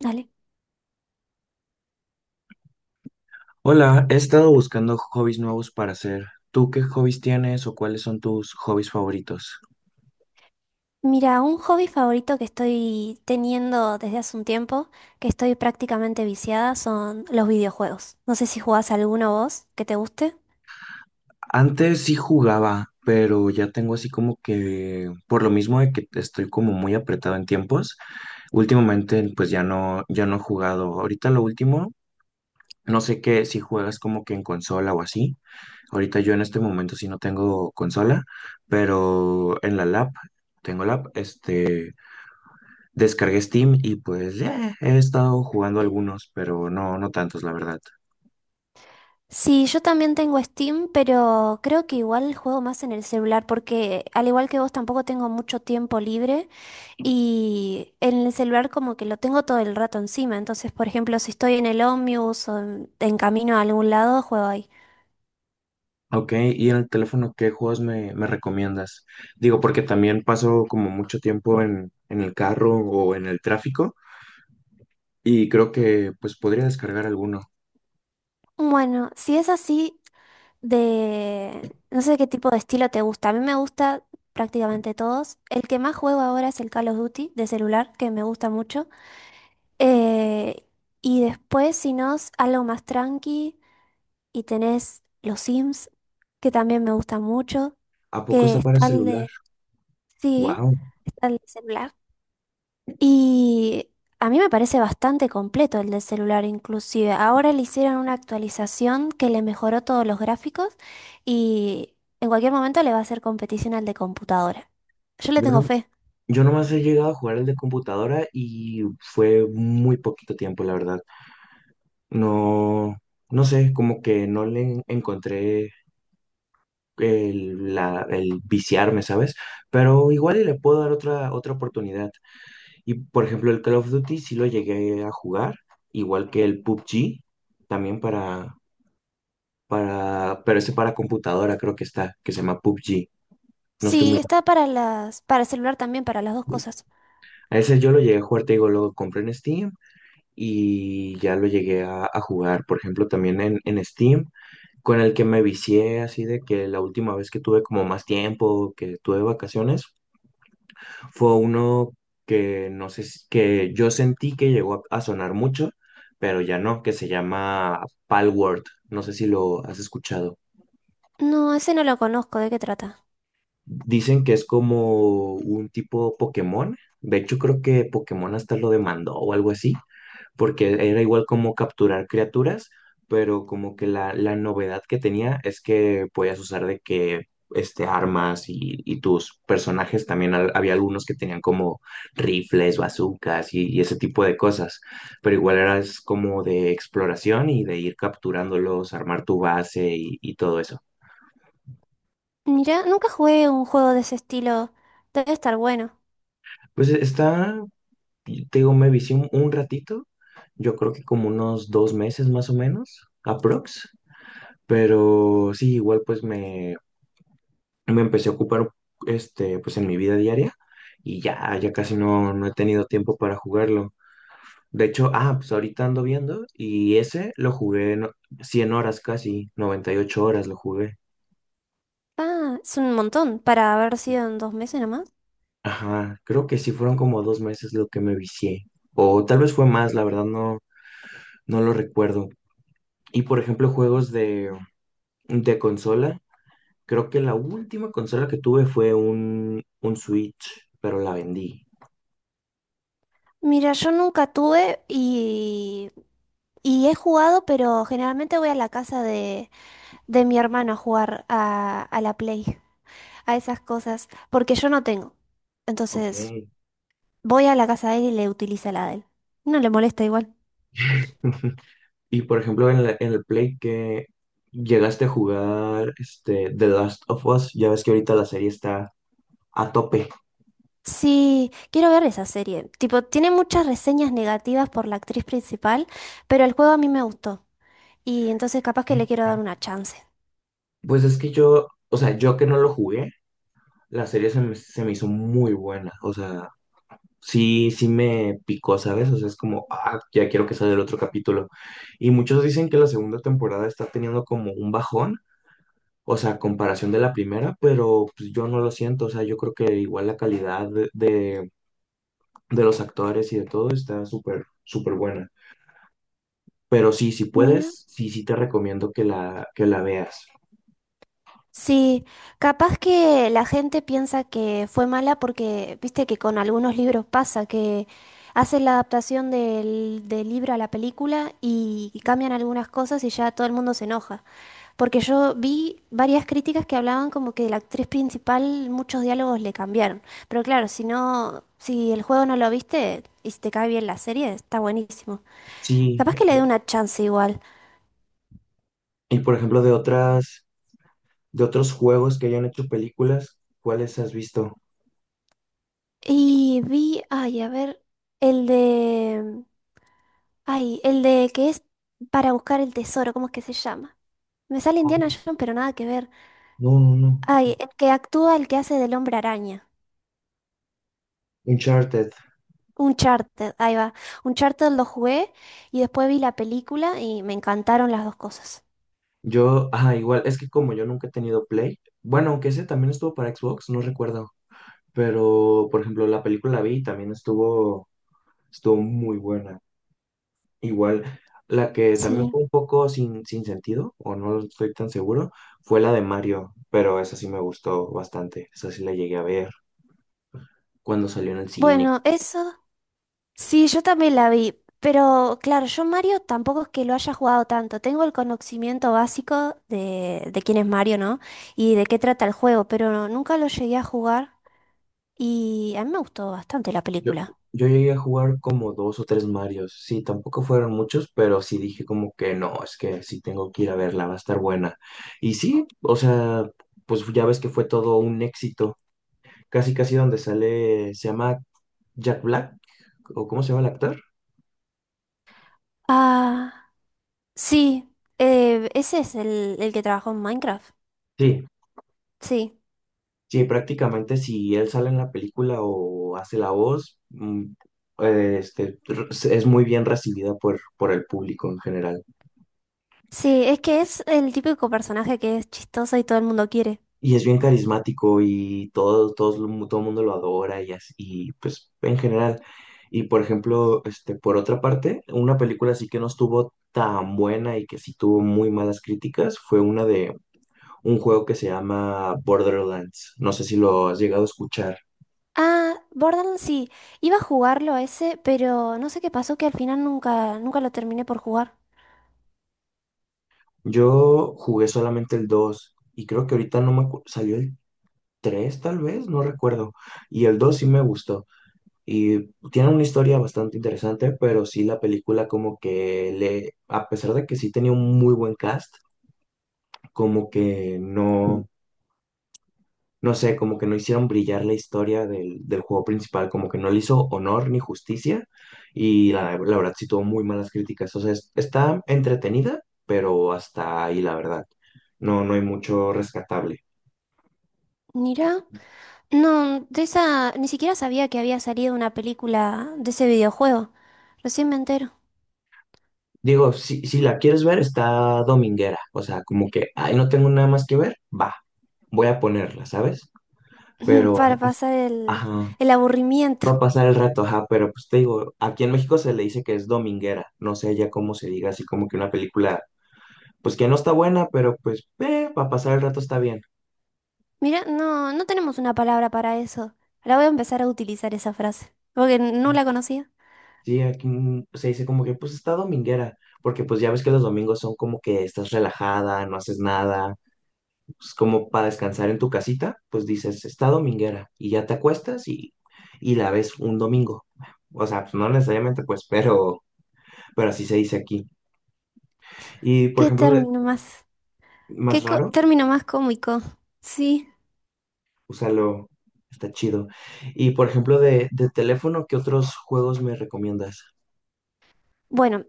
Dale. Hola, he estado buscando hobbies nuevos para hacer. ¿Tú qué hobbies tienes o cuáles son tus hobbies favoritos? Mira, un hobby favorito que estoy teniendo desde hace un tiempo, que estoy prácticamente viciada, son los videojuegos. No sé si jugás alguno vos que te guste. Antes sí jugaba, pero ya tengo así como que, por lo mismo de que estoy como muy apretado en tiempos, últimamente pues ya no, ya no he jugado. Ahorita lo último, no sé qué, si juegas como que en consola o así. Ahorita yo en este momento sí no tengo consola, pero en la lab, tengo lab, descargué Steam y pues ya he estado jugando algunos, pero no, no tantos, la verdad. Sí, yo también tengo Steam, pero creo que igual juego más en el celular porque al igual que vos tampoco tengo mucho tiempo libre y en el celular como que lo tengo todo el rato encima. Entonces, por ejemplo, si estoy en el Omnibus o en camino a algún lado, juego ahí. Ok, y en el teléfono, ¿qué juegos me recomiendas? Digo, porque también paso como mucho tiempo en el carro o en el tráfico y creo que pues podría descargar alguno. Bueno, si es así, de... No sé qué tipo de estilo te gusta. A mí me gusta prácticamente todos. El que más juego ahora es el Call of Duty de celular, que me gusta mucho. Eh, y después, si no, es algo más tranqui y tenés los Sims, que también me gusta mucho, ¿A poco que está para está el celular? de... Sí, Wow, está el de celular. Y a mí me parece bastante completo el del celular inclusive. Ahora le hicieron una actualización que le mejoró todos los gráficos y en cualquier momento le va a hacer competición al de computadora. Yo le yo no, tengo fe. yo nomás he llegado a jugar el de computadora y fue muy poquito tiempo, la verdad. No, no sé, como que no le encontré el, el viciarme, ¿sabes? Pero igual y le puedo dar otra, otra oportunidad. Y por ejemplo, el Call of Duty sí lo llegué a jugar, igual que el PUBG, también pero ese para computadora creo que está, que se llama PUBG. No estoy Sí, muy... está para las, para el celular también, para las dos cosas. A ese yo lo llegué a jugar, te digo, lo compré en Steam y ya lo llegué a jugar, por ejemplo, también en Steam, con el que me vicié así de que la última vez que tuve como más tiempo, que tuve vacaciones. Fue uno que no sé, que yo sentí que llegó a sonar mucho, pero ya no, que se llama Palworld. No sé si lo has escuchado. No, ese no lo conozco, ¿de qué trata? Dicen que es como un tipo Pokémon. De hecho, creo que Pokémon hasta lo demandó o algo así, porque era igual como capturar criaturas, pero como que la novedad que tenía es que podías usar de que este, armas y tus personajes también había algunos que tenían como rifles, bazucas y ese tipo de cosas, pero igual eras como de exploración y de ir capturándolos, armar tu base y todo eso. Mira, nunca jugué un juego de ese estilo. Debe estar bueno. Pues e, está, te digo, me vicié un ratito. Yo creo que como unos 2 meses más o menos, aprox. Pero sí, igual pues me empecé a ocupar este, pues en mi vida diaria y ya, ya casi no, no he tenido tiempo para jugarlo. De hecho, ah, pues ahorita ando viendo y ese lo jugué en 100 horas casi, 98 horas lo jugué. Ah, es un montón para haber sido en dos meses nomás. Ajá, creo que sí fueron como 2 meses lo que me vicié. O tal vez fue más, la verdad no, no lo recuerdo. Y por ejemplo, juegos de consola. Creo que la última consola que tuve fue un Switch, pero la vendí. Mira, yo nunca tuve y he jugado, pero generalmente voy a la casa de mi hermano a jugar a la Play, a esas cosas, porque yo no tengo. Ok. Entonces, voy a la casa de él y le utiliza la de él. No le molesta igual. Y por ejemplo, en en el Play que llegaste a jugar este, The Last of Us, ya ves que ahorita la serie está a tope. Sí, quiero ver esa serie. Tipo, tiene muchas reseñas negativas por la actriz principal, pero el juego a mí me gustó. Y entonces capaz que le quiero dar una chance. Pues es que yo, o sea, yo que no lo jugué, la serie se se me hizo muy buena. O sea, sí, sí me picó, ¿sabes? O sea, es como, ah, ya quiero que salga el otro capítulo. Y muchos dicen que la segunda temporada está teniendo como un bajón, o sea, a comparación de la primera, pero pues yo no lo siento. O sea, yo creo que igual la calidad de, de los actores y de todo está súper, súper buena. Pero sí, si Mira. puedes, sí, sí te recomiendo que la veas. Sí, capaz que la gente piensa que fue mala porque, viste que con algunos libros pasa, que hacen la adaptación del, del libro a la película y cambian algunas cosas y ya todo el mundo se enoja. Porque yo vi varias críticas que hablaban como que la actriz principal muchos diálogos le cambiaron. Pero claro, si no, si el juego no lo viste y si te cae bien la serie, está buenísimo. Sí, Capaz que le dé una chance igual. y por ejemplo, de otras, de otros juegos que hayan hecho películas, ¿cuáles has visto? Y vi, ay, a ver, el de... Ay, el de que es para buscar el tesoro, ¿cómo es que se llama? Me sale Oh, Indiana Jones, pero nada que ver. no, no, no. Ay, el que actúa, el que hace del hombre araña. Uncharted. Uncharted, ahí va. Uncharted lo jugué y después vi la película y me encantaron las dos cosas. Yo, ah, igual, es que como yo nunca he tenido Play, bueno, aunque ese también estuvo para Xbox, no recuerdo. Pero, por ejemplo, la película la vi y también estuvo, estuvo muy buena. Igual, la que también Sí. fue un poco sin, sin sentido, o no estoy tan seguro, fue la de Mario, pero esa sí me gustó bastante, esa sí la llegué a ver cuando salió en el cine. Bueno, eso. Sí, yo también la vi. Pero claro, yo Mario tampoco es que lo haya jugado tanto. Tengo el conocimiento básico de quién es Mario, ¿no? Y de qué trata el juego, pero nunca lo llegué a jugar. Y a mí me gustó bastante la Yo, película. yo llegué a jugar como dos o tres Marios, sí, tampoco fueron muchos, pero sí dije como que no, es que sí tengo que ir a verla, va a estar buena. Y sí, o sea, pues ya ves que fue todo un éxito, casi casi donde sale, se llama Jack Black, o cómo se llama el actor. Ah, sí, ese es el que trabajó en Minecraft. Sí, Sí, sí, prácticamente si él sale en la película o hace la voz, es muy bien recibida por el público en general. sí, es que es el típico personaje que es chistoso y todo el mundo quiere. Y es bien carismático y todo, todo el mundo lo adora y así, y, pues en general. Y por ejemplo, este, por otra parte, una película así que no estuvo tan buena y que sí tuvo muy malas críticas fue una de un juego que se llama Borderlands. No sé si lo has llegado a escuchar. Ah, Borderlands sí, iba a jugarlo a ese, pero no sé qué pasó que al final nunca, nunca lo terminé por jugar. Yo jugué solamente el 2 y creo que ahorita no me salió el 3 tal vez, no recuerdo. Y el 2 sí me gustó y tiene una historia bastante interesante, pero sí la película como que le, a pesar de que sí tenía un muy buen cast, como que no, no sé, como que no hicieron brillar la historia del, del juego principal, como que no le hizo honor ni justicia y la verdad sí tuvo muy malas críticas. O sea, está entretenida, pero hasta ahí la verdad. No, no hay mucho rescatable. Mira, no, de esa, ni siquiera sabía que había salido una película de ese videojuego. Recién me entero, Digo, si la quieres ver, está dominguera. O sea, como que, ay, no tengo nada más que ver, va, voy a ponerla, ¿sabes? Pero, para pasar ajá, el aburrimiento. va a pasar el rato, ajá, pero pues te digo, aquí en México se le dice que es dominguera. No sé ya cómo se diga, así como que una película pues que no está buena, pero pues para pasar el rato está bien. Mira, no, no tenemos una palabra para eso. La voy a empezar a utilizar esa frase, porque no la conocía. Sí, aquí mm, se dice como que pues está dominguera, porque pues ya ves que los domingos son como que estás relajada, no haces nada, pues como para descansar en tu casita, pues dices, está dominguera y ya te acuestas y la ves un domingo. O sea, pues no necesariamente pues, pero así se dice aquí. Y por ¿Qué ejemplo, de, término más? más ¿ raro, Término más cómico? Sí. úsalo, está chido. Y por ejemplo, de teléfono, ¿qué otros juegos me recomiendas? Bueno,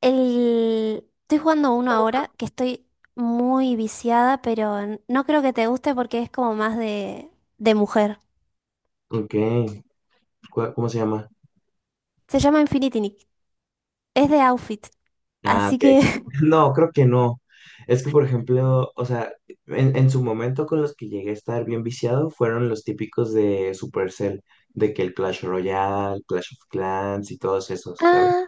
el... estoy jugando uno ahora que estoy muy viciada, pero no creo que te guste porque es como más de mujer. Ok. ¿Cuál- ¿Cómo se llama? Se llama Infinity Nick. Es de outfit, Ah, así ok. que... No, creo que no. Es que, por ejemplo, o sea, en su momento con los que llegué a estar bien viciado fueron los típicos de Supercell, de que el Clash Royale, Clash of Clans y todos esos, ¿sabes? Ah,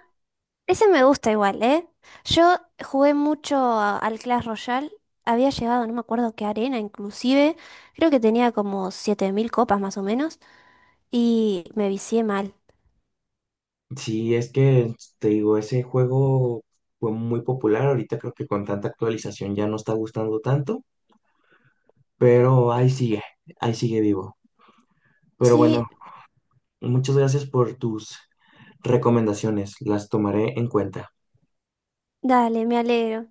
ese me gusta igual, ¿eh? Yo jugué mucho al Clash Royale. Había llegado, no me acuerdo qué arena, inclusive. Creo que tenía como 7000 copas más o menos. Y me vicié mal. Sí, es que te digo, ese juego fue muy popular. Ahorita creo que con tanta actualización ya no está gustando tanto, pero ahí sigue vivo. Pero bueno, Sí, muchas gracias por tus recomendaciones, las tomaré en cuenta. dale, me alegro.